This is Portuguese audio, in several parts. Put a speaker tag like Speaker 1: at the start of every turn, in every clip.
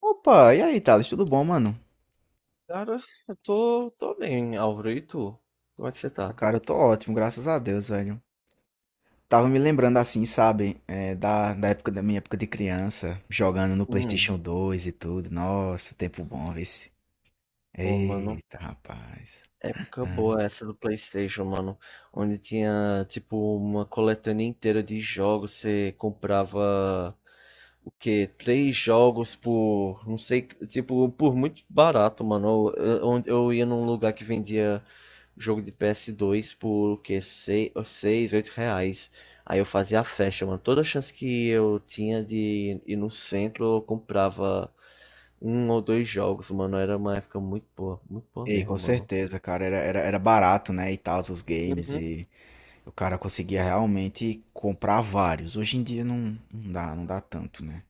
Speaker 1: Opa, e aí, Thales? Tudo bom, mano?
Speaker 2: Cara, eu tô bem, Álvaro. E tu? Como é que você
Speaker 1: Ah,
Speaker 2: tá?
Speaker 1: cara, eu tô ótimo, graças a Deus, velho. Tava me lembrando assim, sabe, da época da minha época de criança, jogando no
Speaker 2: Hum,
Speaker 1: PlayStation 2 e tudo. Nossa, tempo bom, vê se.
Speaker 2: Pô, mano.
Speaker 1: Eita, rapaz.
Speaker 2: Época
Speaker 1: Ah.
Speaker 2: boa essa do PlayStation, mano. Onde tinha, tipo, uma coletânea inteira de jogos. Você comprava, o que, três jogos por, não sei, tipo, por muito barato, mano. Eu ia num lugar que vendia jogo de PS2 por, o que, seis, oito reais. Aí eu fazia a festa, mano. Toda chance que eu tinha de ir no centro, eu comprava um ou dois jogos, mano. Era uma época muito boa
Speaker 1: Ei,
Speaker 2: mesmo,
Speaker 1: com
Speaker 2: mano.
Speaker 1: certeza, cara, era barato, né, e tal, os games,
Speaker 2: Uhum.
Speaker 1: e o cara conseguia realmente comprar vários. Hoje em dia não, não dá, não dá tanto, né?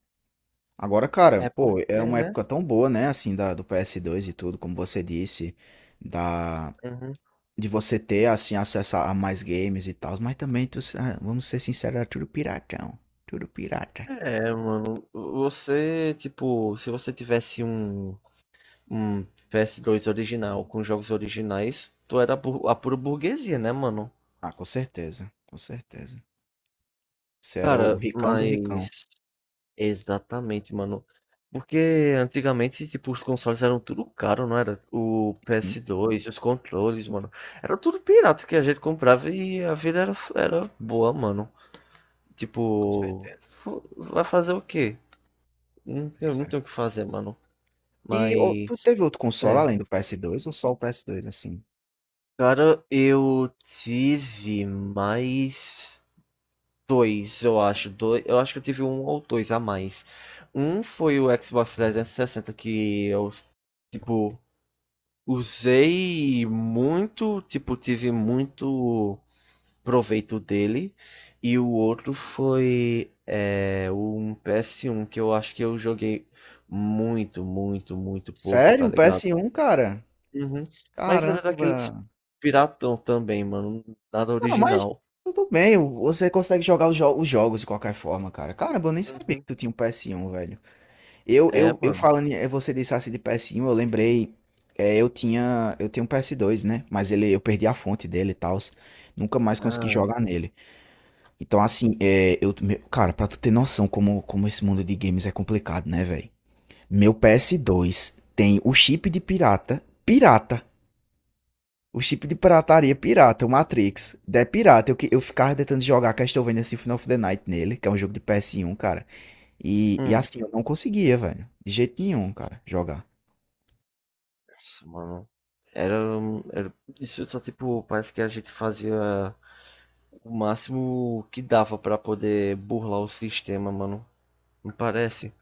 Speaker 1: Agora, cara,
Speaker 2: É porque,
Speaker 1: pô, é uma
Speaker 2: né?
Speaker 1: época tão boa, né, assim, do PS2 e tudo, como você disse, da,
Speaker 2: Uhum.
Speaker 1: de você ter assim acesso a mais games e tal, mas também tu, ah, vamos ser sinceros, era tudo piratão, tudo pirata.
Speaker 2: É, mano, você, tipo, se você tivesse um PS2 original com jogos originais, tu era a pura burguesia, né, mano?
Speaker 1: Ah, com certeza, com certeza. Você era o ricão do ricão.
Speaker 2: Mas exatamente, mano. Porque antigamente, tipo, os consoles eram tudo caro, não era? O
Speaker 1: Uhum,
Speaker 2: PS2, os controles, mano. Era tudo pirata que a gente comprava e a vida era boa, mano.
Speaker 1: com
Speaker 2: Tipo,
Speaker 1: certeza.
Speaker 2: vai fazer o quê? Não tem,
Speaker 1: Pois
Speaker 2: não
Speaker 1: é.
Speaker 2: tem o que fazer, mano.
Speaker 1: E ô, tu
Speaker 2: Mas,
Speaker 1: teve outro console
Speaker 2: é.
Speaker 1: além do PS2 ou só o PS2 assim?
Speaker 2: Cara, eu tive mais. Dois, eu acho. Dois, eu acho que eu tive um ou dois a mais. Um foi o Xbox 360 que eu, tipo, usei muito, tipo, tive muito proveito dele. E o outro foi, um PS1 que eu acho que eu joguei muito, muito, muito pouco, tá
Speaker 1: Sério, um
Speaker 2: ligado?
Speaker 1: PS1, cara?
Speaker 2: Uhum. Mas era daqueles
Speaker 1: Caramba.
Speaker 2: piratão também, mano. Nada
Speaker 1: Não, mas
Speaker 2: original.
Speaker 1: tudo bem, você consegue jogar os jogos de qualquer forma, cara. Caramba, eu nem sabia que
Speaker 2: Uhum.
Speaker 1: tu tinha um PS1, velho. Eu,
Speaker 2: É,
Speaker 1: eu, eu
Speaker 2: mano.
Speaker 1: falando, você disse assim de PS1, eu lembrei, eu tinha, eu tenho um PS2, né? Mas ele, eu perdi a fonte dele e tal, nunca mais consegui
Speaker 2: Ah.
Speaker 1: jogar nele. Então assim, cara, pra tu ter noção como, como esse mundo de games é complicado, né, velho? Meu PS2 tem o chip de pirata, pirata, o chip de pirataria é pirata, o Matrix, é pirata. Eu ficava tentando jogar Castlevania Symphony of the Night nele, que é um jogo de PS1, cara. E
Speaker 2: Hum.
Speaker 1: assim, eu não conseguia, velho, de jeito nenhum, cara, jogar.
Speaker 2: Nossa, mano. Era, era. Isso só, tipo, parece que a gente fazia o máximo que dava pra poder burlar o sistema, mano. Não parece?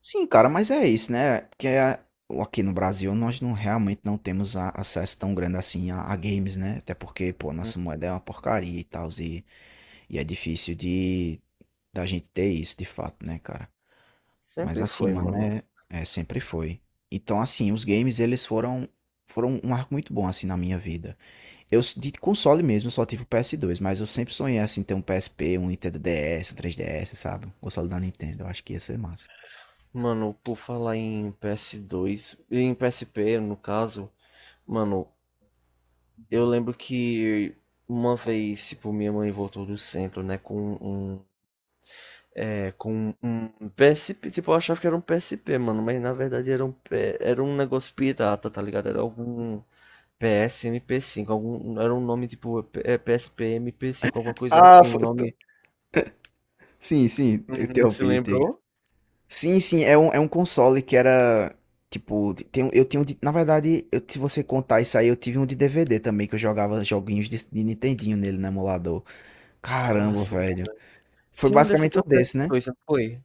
Speaker 1: Sim, cara, mas é isso, né? Porque aqui no Brasil nós não realmente não temos acesso tão grande assim a games, né? Até porque, pô,
Speaker 2: Uhum.
Speaker 1: nossa moeda é uma porcaria e tal, e é difícil de da gente ter isso de fato, né, cara? Mas
Speaker 2: Sempre
Speaker 1: assim,
Speaker 2: foi,
Speaker 1: mano,
Speaker 2: mano.
Speaker 1: é, sempre foi. Então, assim, os games eles foram um arco muito bom assim na minha vida. De console mesmo eu só tive o PS2, mas eu sempre sonhei assim ter um PSP, um Nintendo DS, um 3DS, sabe? Um console da Nintendo, eu acho que ia ser massa.
Speaker 2: Mano, por falar em PS2, em PSP, no caso, mano, eu lembro que uma vez, tipo, minha mãe voltou do centro, né, um, com um PSP, tipo, eu achava que era um PSP, mano, mas na verdade era um negócio pirata, tá ligado? Era algum PSMP5, algum era um nome tipo, PSP-MP5, alguma coisa
Speaker 1: Ah,
Speaker 2: assim, um nome.
Speaker 1: sim, sim, eu
Speaker 2: Uhum, se
Speaker 1: interrompi de Tiga.
Speaker 2: lembrou?
Speaker 1: Sim, sim, é um console que era. Tipo, tem, eu tinha um de. Na verdade, se você contar isso aí, eu tive um de DVD também, que eu jogava joguinhos de Nintendinho nele no emulador. Caramba,
Speaker 2: Nossa,
Speaker 1: velho.
Speaker 2: cara.
Speaker 1: Foi
Speaker 2: Tinha um desse
Speaker 1: basicamente um
Speaker 2: pra
Speaker 1: desse, né?
Speaker 2: PS2, não foi?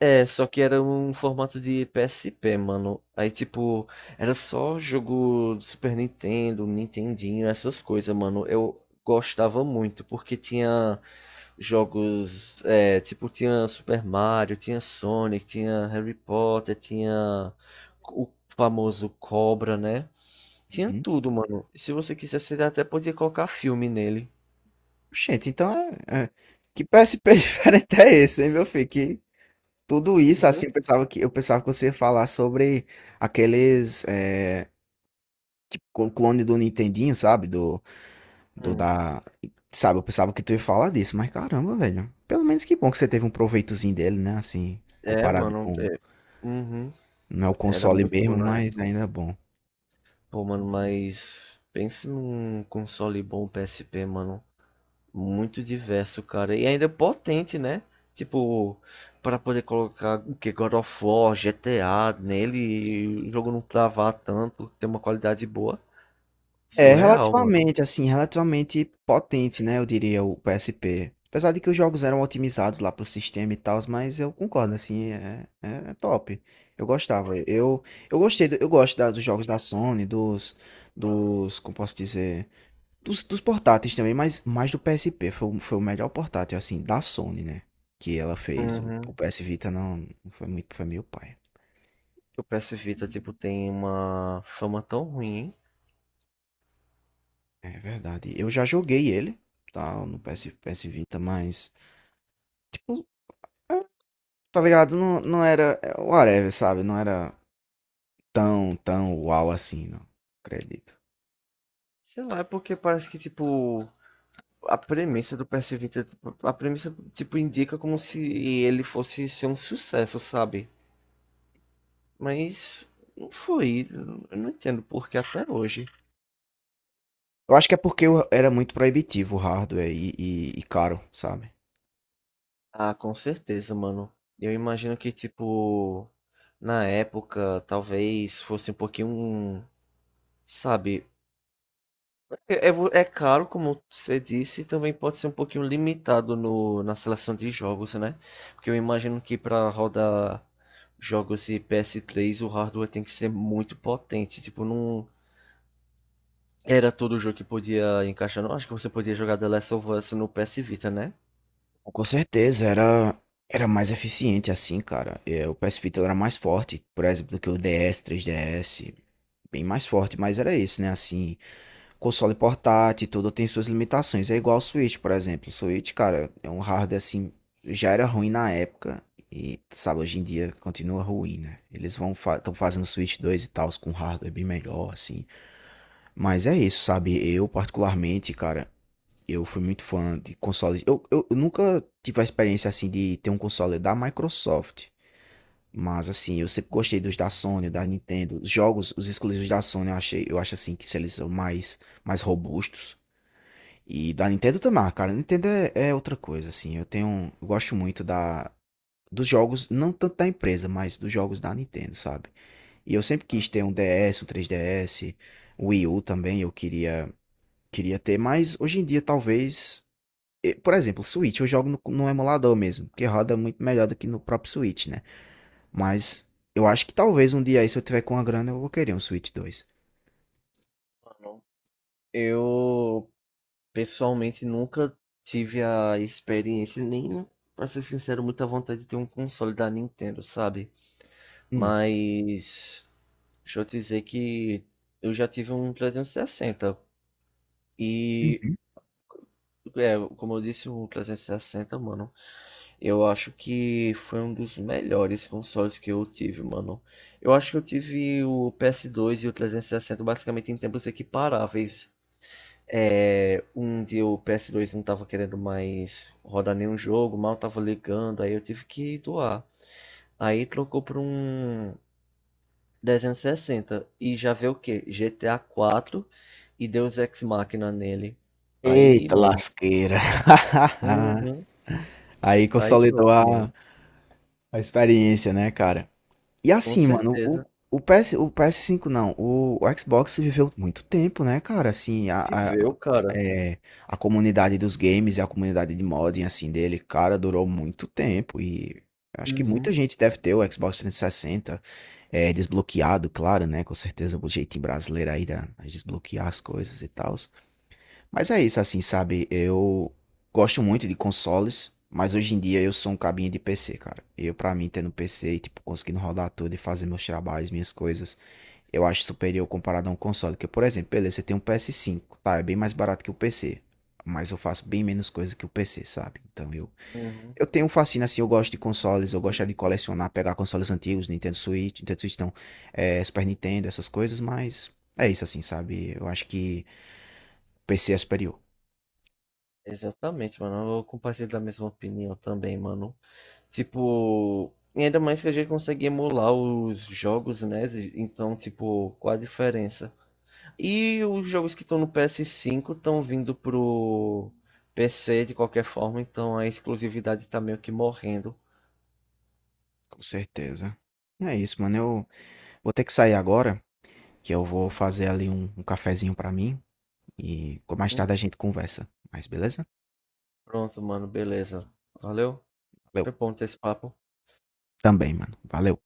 Speaker 2: É, só que era um formato de PSP, mano. Aí, tipo, era só jogo do Super Nintendo, Nintendinho, essas coisas, mano. Eu gostava muito, porque tinha jogos, tipo, tinha Super Mario, tinha Sonic, tinha Harry Potter, tinha o famoso Cobra, né? Tinha
Speaker 1: Uhum.
Speaker 2: tudo, mano. Se você quisesse, ele até podia colocar filme nele.
Speaker 1: Gente, então é, é- que PSP diferente é esse, hein, meu filho? Que tudo isso, assim, eu pensava que você ia falar sobre aqueles. É, clone do Nintendinho, sabe? Do. Do
Speaker 2: Uhum.
Speaker 1: da. Sabe, eu pensava que tu ia falar disso, mas caramba, velho. Pelo menos que bom que você teve um proveitozinho dele, né? Assim,
Speaker 2: É,
Speaker 1: comparado
Speaker 2: mano. É,
Speaker 1: com.
Speaker 2: uhum.
Speaker 1: Não é o
Speaker 2: Era
Speaker 1: console
Speaker 2: muito bom
Speaker 1: mesmo,
Speaker 2: na
Speaker 1: mas
Speaker 2: época.
Speaker 1: ainda é bom.
Speaker 2: Pô, mano, mas pense num console bom PSP, mano. Muito diverso, cara. E ainda potente, né? Tipo, para poder colocar o que God of War, GTA nele, e o jogo não travar tanto, ter uma qualidade boa.
Speaker 1: É,
Speaker 2: Surreal, mano.
Speaker 1: relativamente, assim, relativamente potente, né? Eu diria o PSP. Apesar de que os jogos eram otimizados lá pro sistema e tal, mas eu concordo, assim, é top. Eu gostava. Eu gostei, eu gosto dos jogos da Sony, dos. Dos. Como posso dizer? Dos portáteis também, mas mais do PSP. Foi o melhor portátil, assim, da Sony, né? Que ela fez. O
Speaker 2: Uhum.
Speaker 1: PS Vita não, foi muito. Foi meio pai.
Speaker 2: O PS Vita, tipo, tem uma fama tão ruim.
Speaker 1: É verdade. Eu já joguei ele, tá? No PS Vita, mas. Tipo, tá ligado? Não, não era. Whatever, sabe? Não era tão, tão uau assim, não. Acredito.
Speaker 2: Sei lá, é porque parece que, tipo, a premissa do PS Vita, tipo, a premissa, tipo, indica como se ele fosse ser um sucesso, sabe? Mas não foi, eu não entendo porque até hoje.
Speaker 1: Eu acho que é porque era muito proibitivo o hardware e caro, sabe?
Speaker 2: Ah, com certeza, mano. Eu imagino que, tipo, na época, talvez fosse um pouquinho, sabe. É caro, como você disse, e também pode ser um pouquinho limitado no, na seleção de jogos, né? Porque eu imagino que para rodar jogos de PS3 o hardware tem que ser muito potente. Tipo, não era todo jogo que podia encaixar. Não acho que você podia jogar The Last of Us no PS Vita, né?
Speaker 1: Com certeza, era mais eficiente assim, cara. É, o PS Vita era mais forte, por exemplo, do que o DS, 3DS, bem mais forte, mas era esse, né? Assim, console portátil e tudo tem suas limitações. É igual o Switch, por exemplo. O Switch, cara, é um hardware assim, já era ruim na época e, sabe, hoje em dia continua ruim, né? Eles vão estão fazendo Switch 2 e tal, com hardware bem melhor, assim. Mas é isso, sabe? Eu, particularmente, cara. Eu fui muito fã de consoles. Eu nunca tive a experiência assim de ter um console da Microsoft. Mas assim, eu sempre gostei dos da Sony, da Nintendo. Os jogos, os exclusivos da Sony, eu achei, eu acho assim que eles são mais, mais robustos. E da Nintendo também, ah, cara. Nintendo é outra coisa, assim. Eu tenho, eu gosto muito dos jogos, não tanto da empresa, mas dos jogos da Nintendo, sabe? E eu sempre quis ter um DS, um 3DS, Wii U também, queria ter, mas hoje em dia talvez por exemplo, Switch eu jogo no emulador mesmo, que roda muito melhor do que no próprio Switch, né? Mas eu acho que talvez um dia aí, se eu tiver com a grana, eu vou querer um Switch 2.
Speaker 2: Mano, eu pessoalmente nunca tive a experiência, nem, pra ser sincero, muita vontade de ter um console da Nintendo, sabe?
Speaker 1: Hum.
Speaker 2: Mas. Deixa eu te dizer que eu já tive um 360 e, sessenta.
Speaker 1: Uhum.
Speaker 2: E, como eu disse, o 360, mano, eu acho que foi um dos melhores consoles que eu tive, mano. Eu acho que eu tive o PS2 e o 360 basicamente em tempos equiparáveis. É, um dia o PS2 não tava querendo mais rodar nenhum jogo, mal tava ligando, aí eu tive que doar. Aí trocou por um 360 e sessenta e já veio o que? GTA 4, e Deus Ex Machina nele. Aí,
Speaker 1: Eita
Speaker 2: mano.
Speaker 1: lasqueira.
Speaker 2: Uhum.
Speaker 1: Aí
Speaker 2: Aí
Speaker 1: consolidou
Speaker 2: pronto, mano.
Speaker 1: a experiência, né, cara? E
Speaker 2: Com
Speaker 1: assim, mano,
Speaker 2: certeza.
Speaker 1: o PS5 não, o Xbox viveu muito tempo, né, cara? Assim,
Speaker 2: Viveu, cara.
Speaker 1: é, a comunidade dos games e a comunidade de modding, assim, dele, cara, durou muito tempo. E acho que muita
Speaker 2: Uhum,
Speaker 1: gente deve ter o Xbox 360 desbloqueado, claro, né? Com certeza, o jeitinho brasileiro aí de desbloquear as coisas e tal. Mas é isso, assim, sabe? Eu gosto muito de consoles, mas hoje em dia eu sou um cabinho de PC, cara. Eu, pra mim, tendo PC e, tipo, conseguindo rodar tudo e fazer meus trabalhos, minhas coisas, eu acho superior comparado a um console. Porque por exemplo, beleza, você tem um PS5, tá? É bem mais barato que o PC. Mas eu faço bem menos coisa que o PC, sabe? Então
Speaker 2: uhum.
Speaker 1: eu tenho um fascínio assim, eu gosto de consoles, eu gosto de colecionar, pegar consoles antigos, Nintendo Switch, Nintendo Switch não, Super Nintendo, essas coisas, mas é isso assim, sabe? Eu acho que o PC é superior.
Speaker 2: Exatamente, mano. Eu compartilho da mesma opinião também, mano. Tipo, e ainda mais que a gente consegue emular os jogos, né? Então, tipo, qual a diferença? E os jogos que estão no PS5 estão vindo pro PC de qualquer forma, então a exclusividade tá meio que morrendo.
Speaker 1: Com certeza. É isso, mano. Eu vou ter que sair agora, que eu vou fazer ali um cafezinho pra mim e mais
Speaker 2: Hum.
Speaker 1: tarde a gente conversa. Mas beleza?
Speaker 2: Pronto, mano, beleza. Valeu.
Speaker 1: Valeu.
Speaker 2: Foi bom ter esse papo.
Speaker 1: Também, mano. Valeu.